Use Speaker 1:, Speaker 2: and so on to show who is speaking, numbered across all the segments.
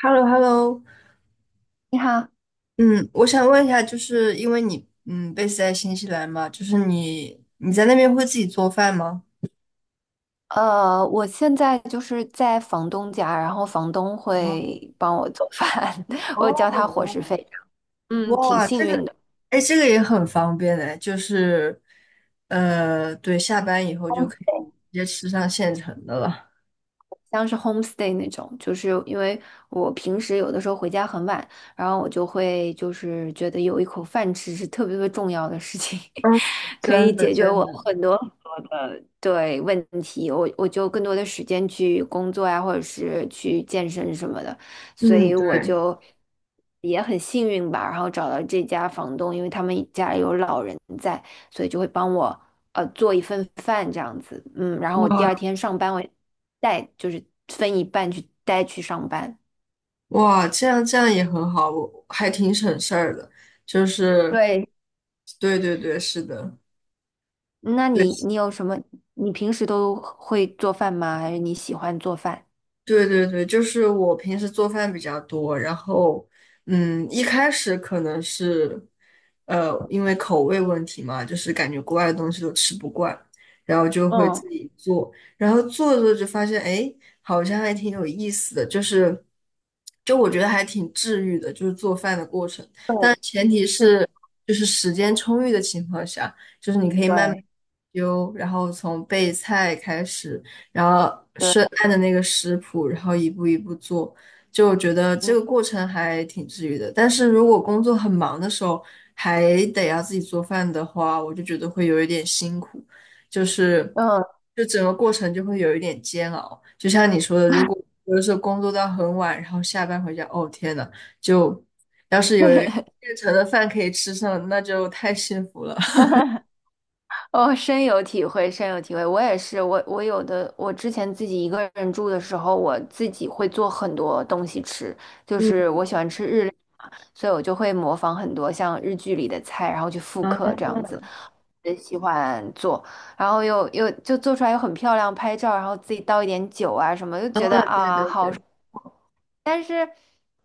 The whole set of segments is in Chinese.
Speaker 1: h e l l o h e l l o
Speaker 2: 你好，
Speaker 1: 嗯，我想问一下，就是因为你 base 在新西兰嘛，就是你在那边会自己做饭吗？
Speaker 2: 我现在就是在房东家，然后房东会帮我做饭，我交他伙
Speaker 1: 哦，
Speaker 2: 食费。嗯，挺
Speaker 1: 哇，
Speaker 2: 幸
Speaker 1: 这
Speaker 2: 运
Speaker 1: 个，
Speaker 2: 的。
Speaker 1: 哎，这个也很方便哎，就是对，下班以后就可以直接吃上现成的了。
Speaker 2: 像是 homestay 那种，就是因为我平时有的时候回家很晚，然后我就会就是觉得有一口饭吃是特别特别重要的事情，
Speaker 1: 嗯，
Speaker 2: 可以
Speaker 1: 真的，
Speaker 2: 解决
Speaker 1: 真
Speaker 2: 我
Speaker 1: 的，
Speaker 2: 很多很多的对问题，我就更多的时间去工作呀，或者是去健身什么的，所
Speaker 1: 嗯，
Speaker 2: 以
Speaker 1: 对，
Speaker 2: 我就也很幸运吧，然后找到这家房东，因为他们家有老人在，所以就会帮我做一份饭这样子，嗯，然后我第
Speaker 1: 哇
Speaker 2: 二天上班我。带，就是分一半去带去上班。
Speaker 1: 哇，这样这样也很好，我还挺省事儿的，就是
Speaker 2: 对，
Speaker 1: 对对对，是的。
Speaker 2: 那你
Speaker 1: 对。
Speaker 2: 你有什么？你平时都会做饭吗？还是你喜欢做饭？
Speaker 1: 对对对，就是我平时做饭比较多，然后，一开始可能是，因为口味问题嘛，就是感觉国外的东西都吃不惯，然后就会
Speaker 2: 嗯，
Speaker 1: 自己做，然后做着做着就发现，哎，好像还挺有意思的，就是，就我觉得还挺治愈的，就是做饭的过程，
Speaker 2: 对，
Speaker 1: 但前提
Speaker 2: 是，
Speaker 1: 是就是时间充裕的情况下。
Speaker 2: 对，
Speaker 1: 丢，然后从备菜开始，然后
Speaker 2: 对，
Speaker 1: 是按着那个食谱，然后一步一步做，就觉得这
Speaker 2: 嗯
Speaker 1: 个过程还挺治愈的。但是如果工作很忙的时候，还得要自己做饭的话，我就觉得会有一点辛苦，就是
Speaker 2: 嗯，
Speaker 1: 就整个过程就会有一点煎熬。就像你说的，如果有的时候工作到很晚，然后下班回家，哦天呐，就要是有现成的饭可以吃上，那就太幸福了。
Speaker 2: 哦，深有体会，深有体会。我也是，我我有的，我之前自己一个人住的时候，我自己会做很多东西吃，就
Speaker 1: 嗯
Speaker 2: 是我喜欢吃日料嘛，所以我就会模仿很多像日剧里的菜，然后去复刻这样
Speaker 1: 啊。
Speaker 2: 子。也喜欢做，然后又就做出来又很漂亮，拍照，然后自己倒一点酒啊什么，就
Speaker 1: 啊，
Speaker 2: 觉得
Speaker 1: 对
Speaker 2: 啊
Speaker 1: 对
Speaker 2: 好。
Speaker 1: 对，
Speaker 2: 但是，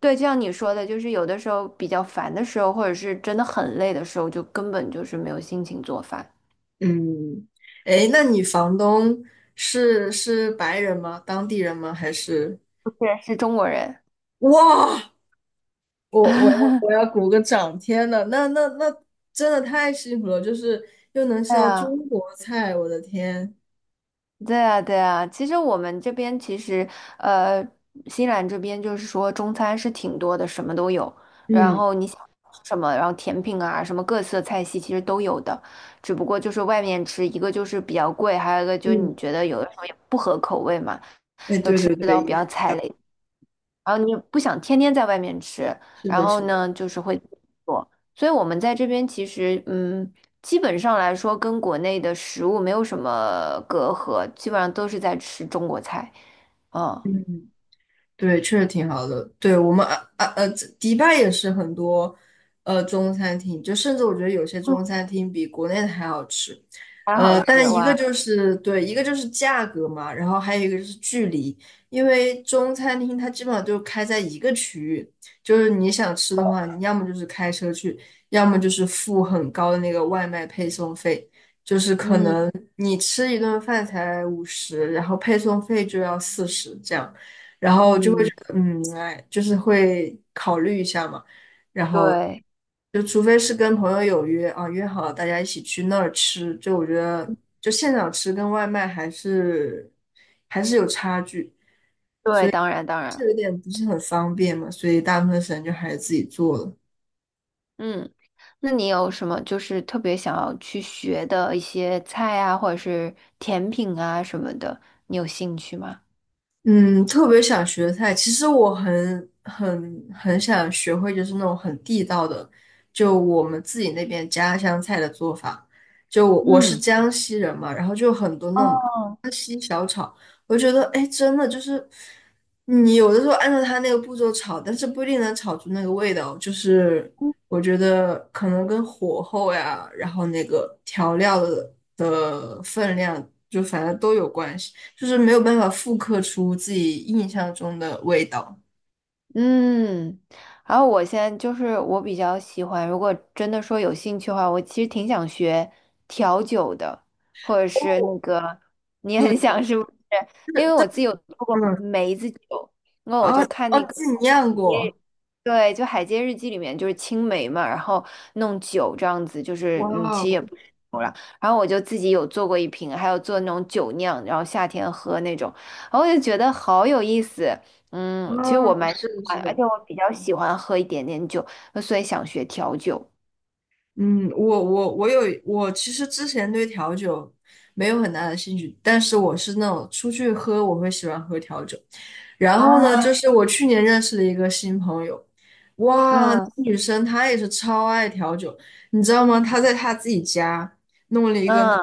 Speaker 2: 对，就像你说的，就是有的时候比较烦的时候，或者是真的很累的时候，就根本就是没有心情做饭。
Speaker 1: 嗯，哎，那你房东是白人吗？当地人吗？还是？
Speaker 2: 不是，是中国人。
Speaker 1: 哇，我我要我 要鼓个掌！天呐，那真的太幸福了，就是又能吃
Speaker 2: 对
Speaker 1: 到
Speaker 2: 啊。
Speaker 1: 中国菜，我的天！
Speaker 2: 对啊，对啊，其实我们这边其实，呃，新西兰这边就是说中餐是挺多的，什么都有。然
Speaker 1: 嗯
Speaker 2: 后你想吃什么，然后甜品啊，什么各色菜系其实都有的。只不过就是外面吃，一个就是比较贵，还有一个就是你
Speaker 1: 嗯，
Speaker 2: 觉得有的时候也不合口味嘛。
Speaker 1: 哎，对对
Speaker 2: 比
Speaker 1: 对，一样
Speaker 2: 较。然后你不想天天在外面吃，
Speaker 1: 是
Speaker 2: 然
Speaker 1: 的，
Speaker 2: 后
Speaker 1: 是的，
Speaker 2: 呢，就是会自己做。所以我们在这边其实，嗯，基本上来说跟国内的食物没有什么隔阂，基本上都是在吃中国菜，嗯，
Speaker 1: 嗯，对，确实挺好的。对我们，这迪拜也是很多中餐厅，就甚至我觉得有些
Speaker 2: 嗯，
Speaker 1: 中餐厅比国内的还好吃。
Speaker 2: 还好吃
Speaker 1: 但一个
Speaker 2: 哇，
Speaker 1: 就是对，一个就是价格嘛，然后还有一个就是距离，因为中餐厅它基本上就开在一个区域，就是你想吃的话，你要么就是开车去，要么就是付很高的那个外卖配送费，
Speaker 2: 嗯
Speaker 1: 你吃一顿饭才50，然后配送费就要40这样。
Speaker 2: 嗯，
Speaker 1: 嗯，哎，就是会考虑一下嘛，然后
Speaker 2: 对
Speaker 1: 就除非是跟朋友有约啊，约好了大家一起去那儿吃，就我觉得就现场吃跟外卖还是有差距，
Speaker 2: 对，当然当然，
Speaker 1: 这有点不是很方便嘛，所以大部分时间就还是自己做了。
Speaker 2: 嗯，那你有什么就是特别想要去学的一些菜啊，或者是甜品啊什么的，你有兴趣吗？
Speaker 1: 嗯，特别想学的菜，其实我很想学会，就是那种很地道的，就我们自己那边家乡菜的做法。就我是
Speaker 2: 嗯，
Speaker 1: 江西人嘛，然后就有很多那种
Speaker 2: 哦，
Speaker 1: 我觉得，哎，真的就是你有的时候按照他那个步骤炒，但是不一定能炒出那个味道。就是我觉得可能跟火候呀，然后那个调料的分量，就反正都有关系，就是没有办法复刻出自己印象中的味道。
Speaker 2: 嗯，然后我现在就是我比较喜欢，如果真的说有兴趣的话，我其实挺想学调酒的，或者是
Speaker 1: 哦，
Speaker 2: 那个你
Speaker 1: 对
Speaker 2: 很想
Speaker 1: 对，
Speaker 2: 是不是？因为我自己有做过
Speaker 1: 嗯，
Speaker 2: 梅子酒，那我
Speaker 1: 啊
Speaker 2: 就看
Speaker 1: 哦，
Speaker 2: 那个
Speaker 1: 自己
Speaker 2: 海
Speaker 1: 酿
Speaker 2: 街，
Speaker 1: 过，
Speaker 2: 对，就《海街日记》里面就是青梅嘛，然后弄酒这样子，就
Speaker 1: 哇
Speaker 2: 是嗯，其实
Speaker 1: 哦，
Speaker 2: 也然后我就自己有做过一瓶，还有做那种酒酿，然后夏天喝那种，然后我就觉得好有意思。
Speaker 1: 嗯，
Speaker 2: 嗯，其实我蛮喜
Speaker 1: 是的，
Speaker 2: 欢，
Speaker 1: 是
Speaker 2: 而
Speaker 1: 的。
Speaker 2: 且我比较喜欢喝一点点酒，所以想学调酒。
Speaker 1: 嗯，我其实之前对调酒没有很大的兴趣，但是我是那种出去喝我会喜欢喝调酒。然后呢，就
Speaker 2: 啊，
Speaker 1: 是我去年认识了一个新朋友，哇，
Speaker 2: 嗯
Speaker 1: 女生她也是超爱调酒，你知道吗？她在她自己家。
Speaker 2: 嗯，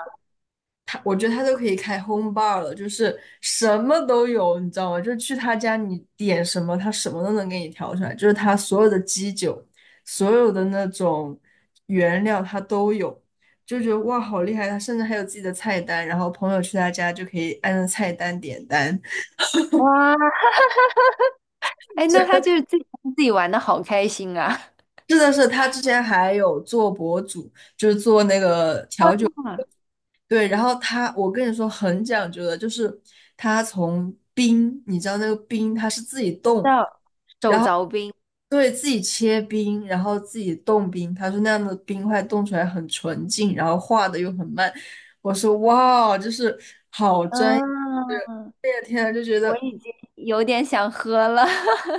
Speaker 1: 他，我觉得他都可以开 home bar 了，就是什么都有，你知道吗？就是去他家，你点什么，他什么都能给你调出来，就是他所有的基酒，所有的那种原料他都有，就觉得哇，好厉害！他甚至还有自己的菜单，然后朋友去他家就可以按照菜单点单。
Speaker 2: 哇，哎，那他就是自己自己玩的好开心啊！
Speaker 1: 是的是，他之前还有做博主，就是做那个 调酒。
Speaker 2: 哇，
Speaker 1: 对，然后他，我跟你说很讲究的，就是他从冰，你知道那个冰他是自己冻，
Speaker 2: 叫手凿冰，
Speaker 1: 对，自己切冰，然后自己冻冰。他说那样的冰块冻出来很纯净，然后化的又很慢。我说哇，就是好专业，
Speaker 2: 嗯，
Speaker 1: 天啊，就觉
Speaker 2: 我
Speaker 1: 得
Speaker 2: 已经有点想喝了。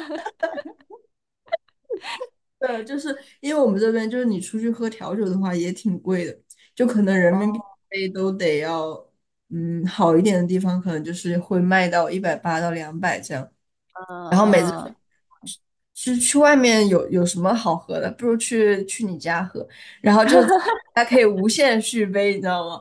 Speaker 1: 就是因为我们这边就是你出去喝调酒的话也挺贵的，就可能人
Speaker 2: 哦，
Speaker 1: 民币一杯都得要，嗯，好一点的地方可能就是会卖到180到200这样。
Speaker 2: 嗯
Speaker 1: 然后每次
Speaker 2: 嗯，
Speaker 1: 去外面有什么好喝的，不如去你家喝，然后就还可以无限续杯，你知道吗？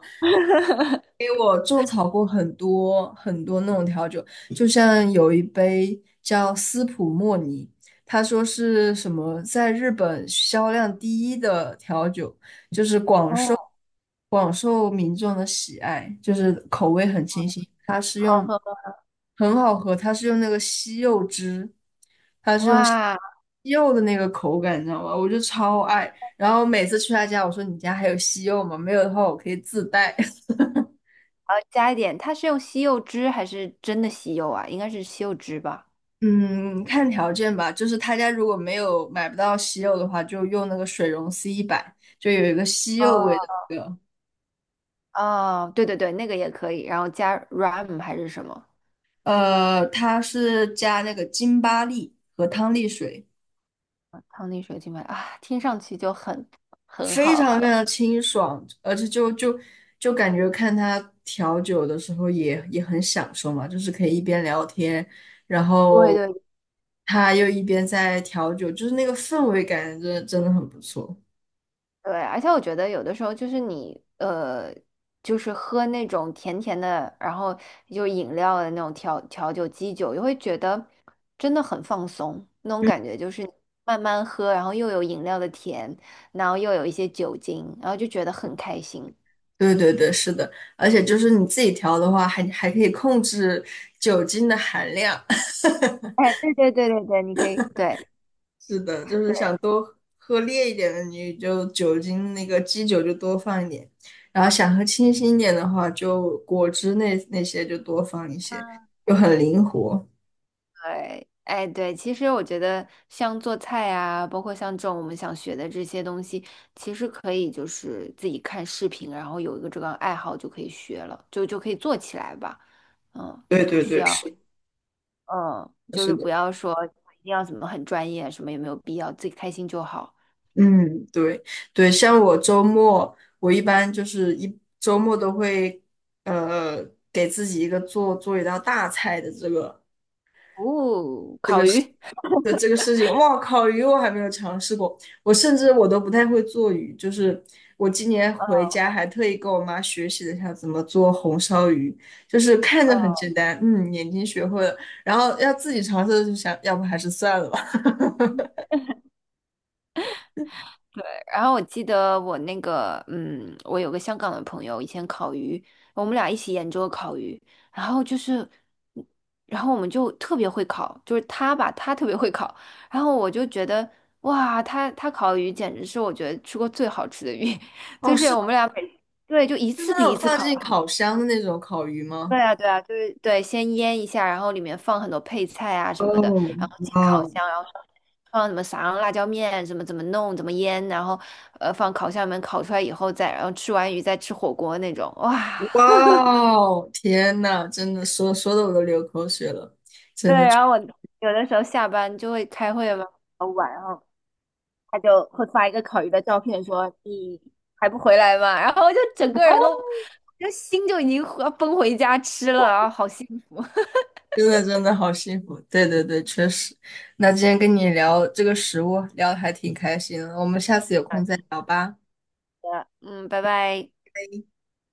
Speaker 1: 种草过很多很多那种调酒，就像有一杯叫斯普莫尼，他说是什么在日本销量第一的调酒，
Speaker 2: 哦，
Speaker 1: 广受民众的喜爱，就是口味很清新，
Speaker 2: 好喝吗
Speaker 1: 很好喝。它是用那个西柚汁，它是用西
Speaker 2: 哇。
Speaker 1: 柚的那个口感，你知道吗？我就超爱。然后每次去他家，我说你家还有西柚吗？没有的话，我可以自带。
Speaker 2: 然后加一点，它是用西柚汁还是真的西柚啊？应该是西柚汁吧？
Speaker 1: 嗯，看条件吧，就是他家如果没有买不到西柚的话，就用那个水溶C100，就有一个西柚味
Speaker 2: 哦，
Speaker 1: 的那个，
Speaker 2: 哦，对对对，那个也可以，然后加 rum 还是什么？
Speaker 1: 它是加那个金巴利和汤力水，
Speaker 2: 汤力水晶白啊，听上去就很很
Speaker 1: 非
Speaker 2: 好
Speaker 1: 常非
Speaker 2: 喝。
Speaker 1: 常清爽，而且就就感觉看他调酒的时候也很享受嘛，就是可以一边聊天，然
Speaker 2: 对
Speaker 1: 后
Speaker 2: 对。
Speaker 1: 他又一边在调酒，就是那个氛围感真的真的很不错。
Speaker 2: 对，而且我觉得有的时候就是你,就是喝那种甜甜的，然后就饮料的那种调酒、基酒，就会觉得真的很放松，那种感觉就是你慢慢喝，然后又有饮料的甜，然后又有一些酒精，然后就觉得很开心。
Speaker 1: 对对对，是的，而且就是你自己调的话，还可以控制酒精的含量。
Speaker 2: 哎，对对对对对，你可以，对
Speaker 1: 是的，就是
Speaker 2: 对，
Speaker 1: 想多喝烈一点的，你就酒精那个基酒就多放一点，然后想喝清新一点的话，就果汁那些就多放一些，就
Speaker 2: 嗯
Speaker 1: 很灵活。
Speaker 2: 对，哎，对，其实我觉得像做菜啊，包括像这种我们想学的这些东西，其实可以就是自己看视频，然后有一个这个爱好就可以学了，就可以做起来吧。嗯，
Speaker 1: 对
Speaker 2: 不
Speaker 1: 对
Speaker 2: 需
Speaker 1: 对，是
Speaker 2: 要，
Speaker 1: 的
Speaker 2: 嗯，就
Speaker 1: 是
Speaker 2: 是不
Speaker 1: 的，
Speaker 2: 要说一定要怎么很专业，什么也没有必要，自己开心就好。
Speaker 1: 嗯，对对，像我周末，我一般就是一周末都会呃给自己一个做做一道大菜的这个。
Speaker 2: 哦，烤鱼。
Speaker 1: 的这个事情，哇靠，鱼我还没有尝试过，我甚至我都不太会做鱼，就是我今年回家还特意跟我妈学习了一下怎么做红烧鱼，就是看着很简单，眼睛学会了，然后要自己尝试就想，要不还是算了吧。
Speaker 2: 然后我记得我那个，嗯，我有个香港的朋友，以前烤鱼，我们俩一起研究烤鱼，然后就是，然后我们就特别会烤，就是他吧，他特别会烤，然后我就觉得，哇，他烤鱼简直是我觉得吃过最好吃的鱼，
Speaker 1: 哦，
Speaker 2: 就是
Speaker 1: 是吗？
Speaker 2: 我们俩每，对，就一
Speaker 1: 就是
Speaker 2: 次
Speaker 1: 那
Speaker 2: 比一
Speaker 1: 种
Speaker 2: 次
Speaker 1: 放
Speaker 2: 烤
Speaker 1: 进
Speaker 2: 的好。
Speaker 1: 烤箱的那种烤鱼吗？
Speaker 2: 对啊，对啊，就是对，先腌一下，然后里面放很多配菜啊什么的，
Speaker 1: 哦，
Speaker 2: 然后进
Speaker 1: 哇
Speaker 2: 烤
Speaker 1: 哦
Speaker 2: 箱。然后。放什么撒上辣椒面，怎么弄，怎么腌，然后放烤箱里面烤出来以后再，然后吃完鱼再吃火锅那种，哇！
Speaker 1: 哇哦，天呐，真的说说的我都流口水了，真
Speaker 2: 对，
Speaker 1: 的。
Speaker 2: 然后我有的时候下班就会开会嘛，很晚，然后他就会发一个烤鱼的照片说，你还不回来吗？然后我就整个人都，就心就已经要奔回家吃了，然后好幸福。
Speaker 1: 真的真的好幸福，对对对，确实。那今天跟你聊这个食物，聊得还挺开心的，我们下次有空再聊吧。
Speaker 2: 嗯，拜拜。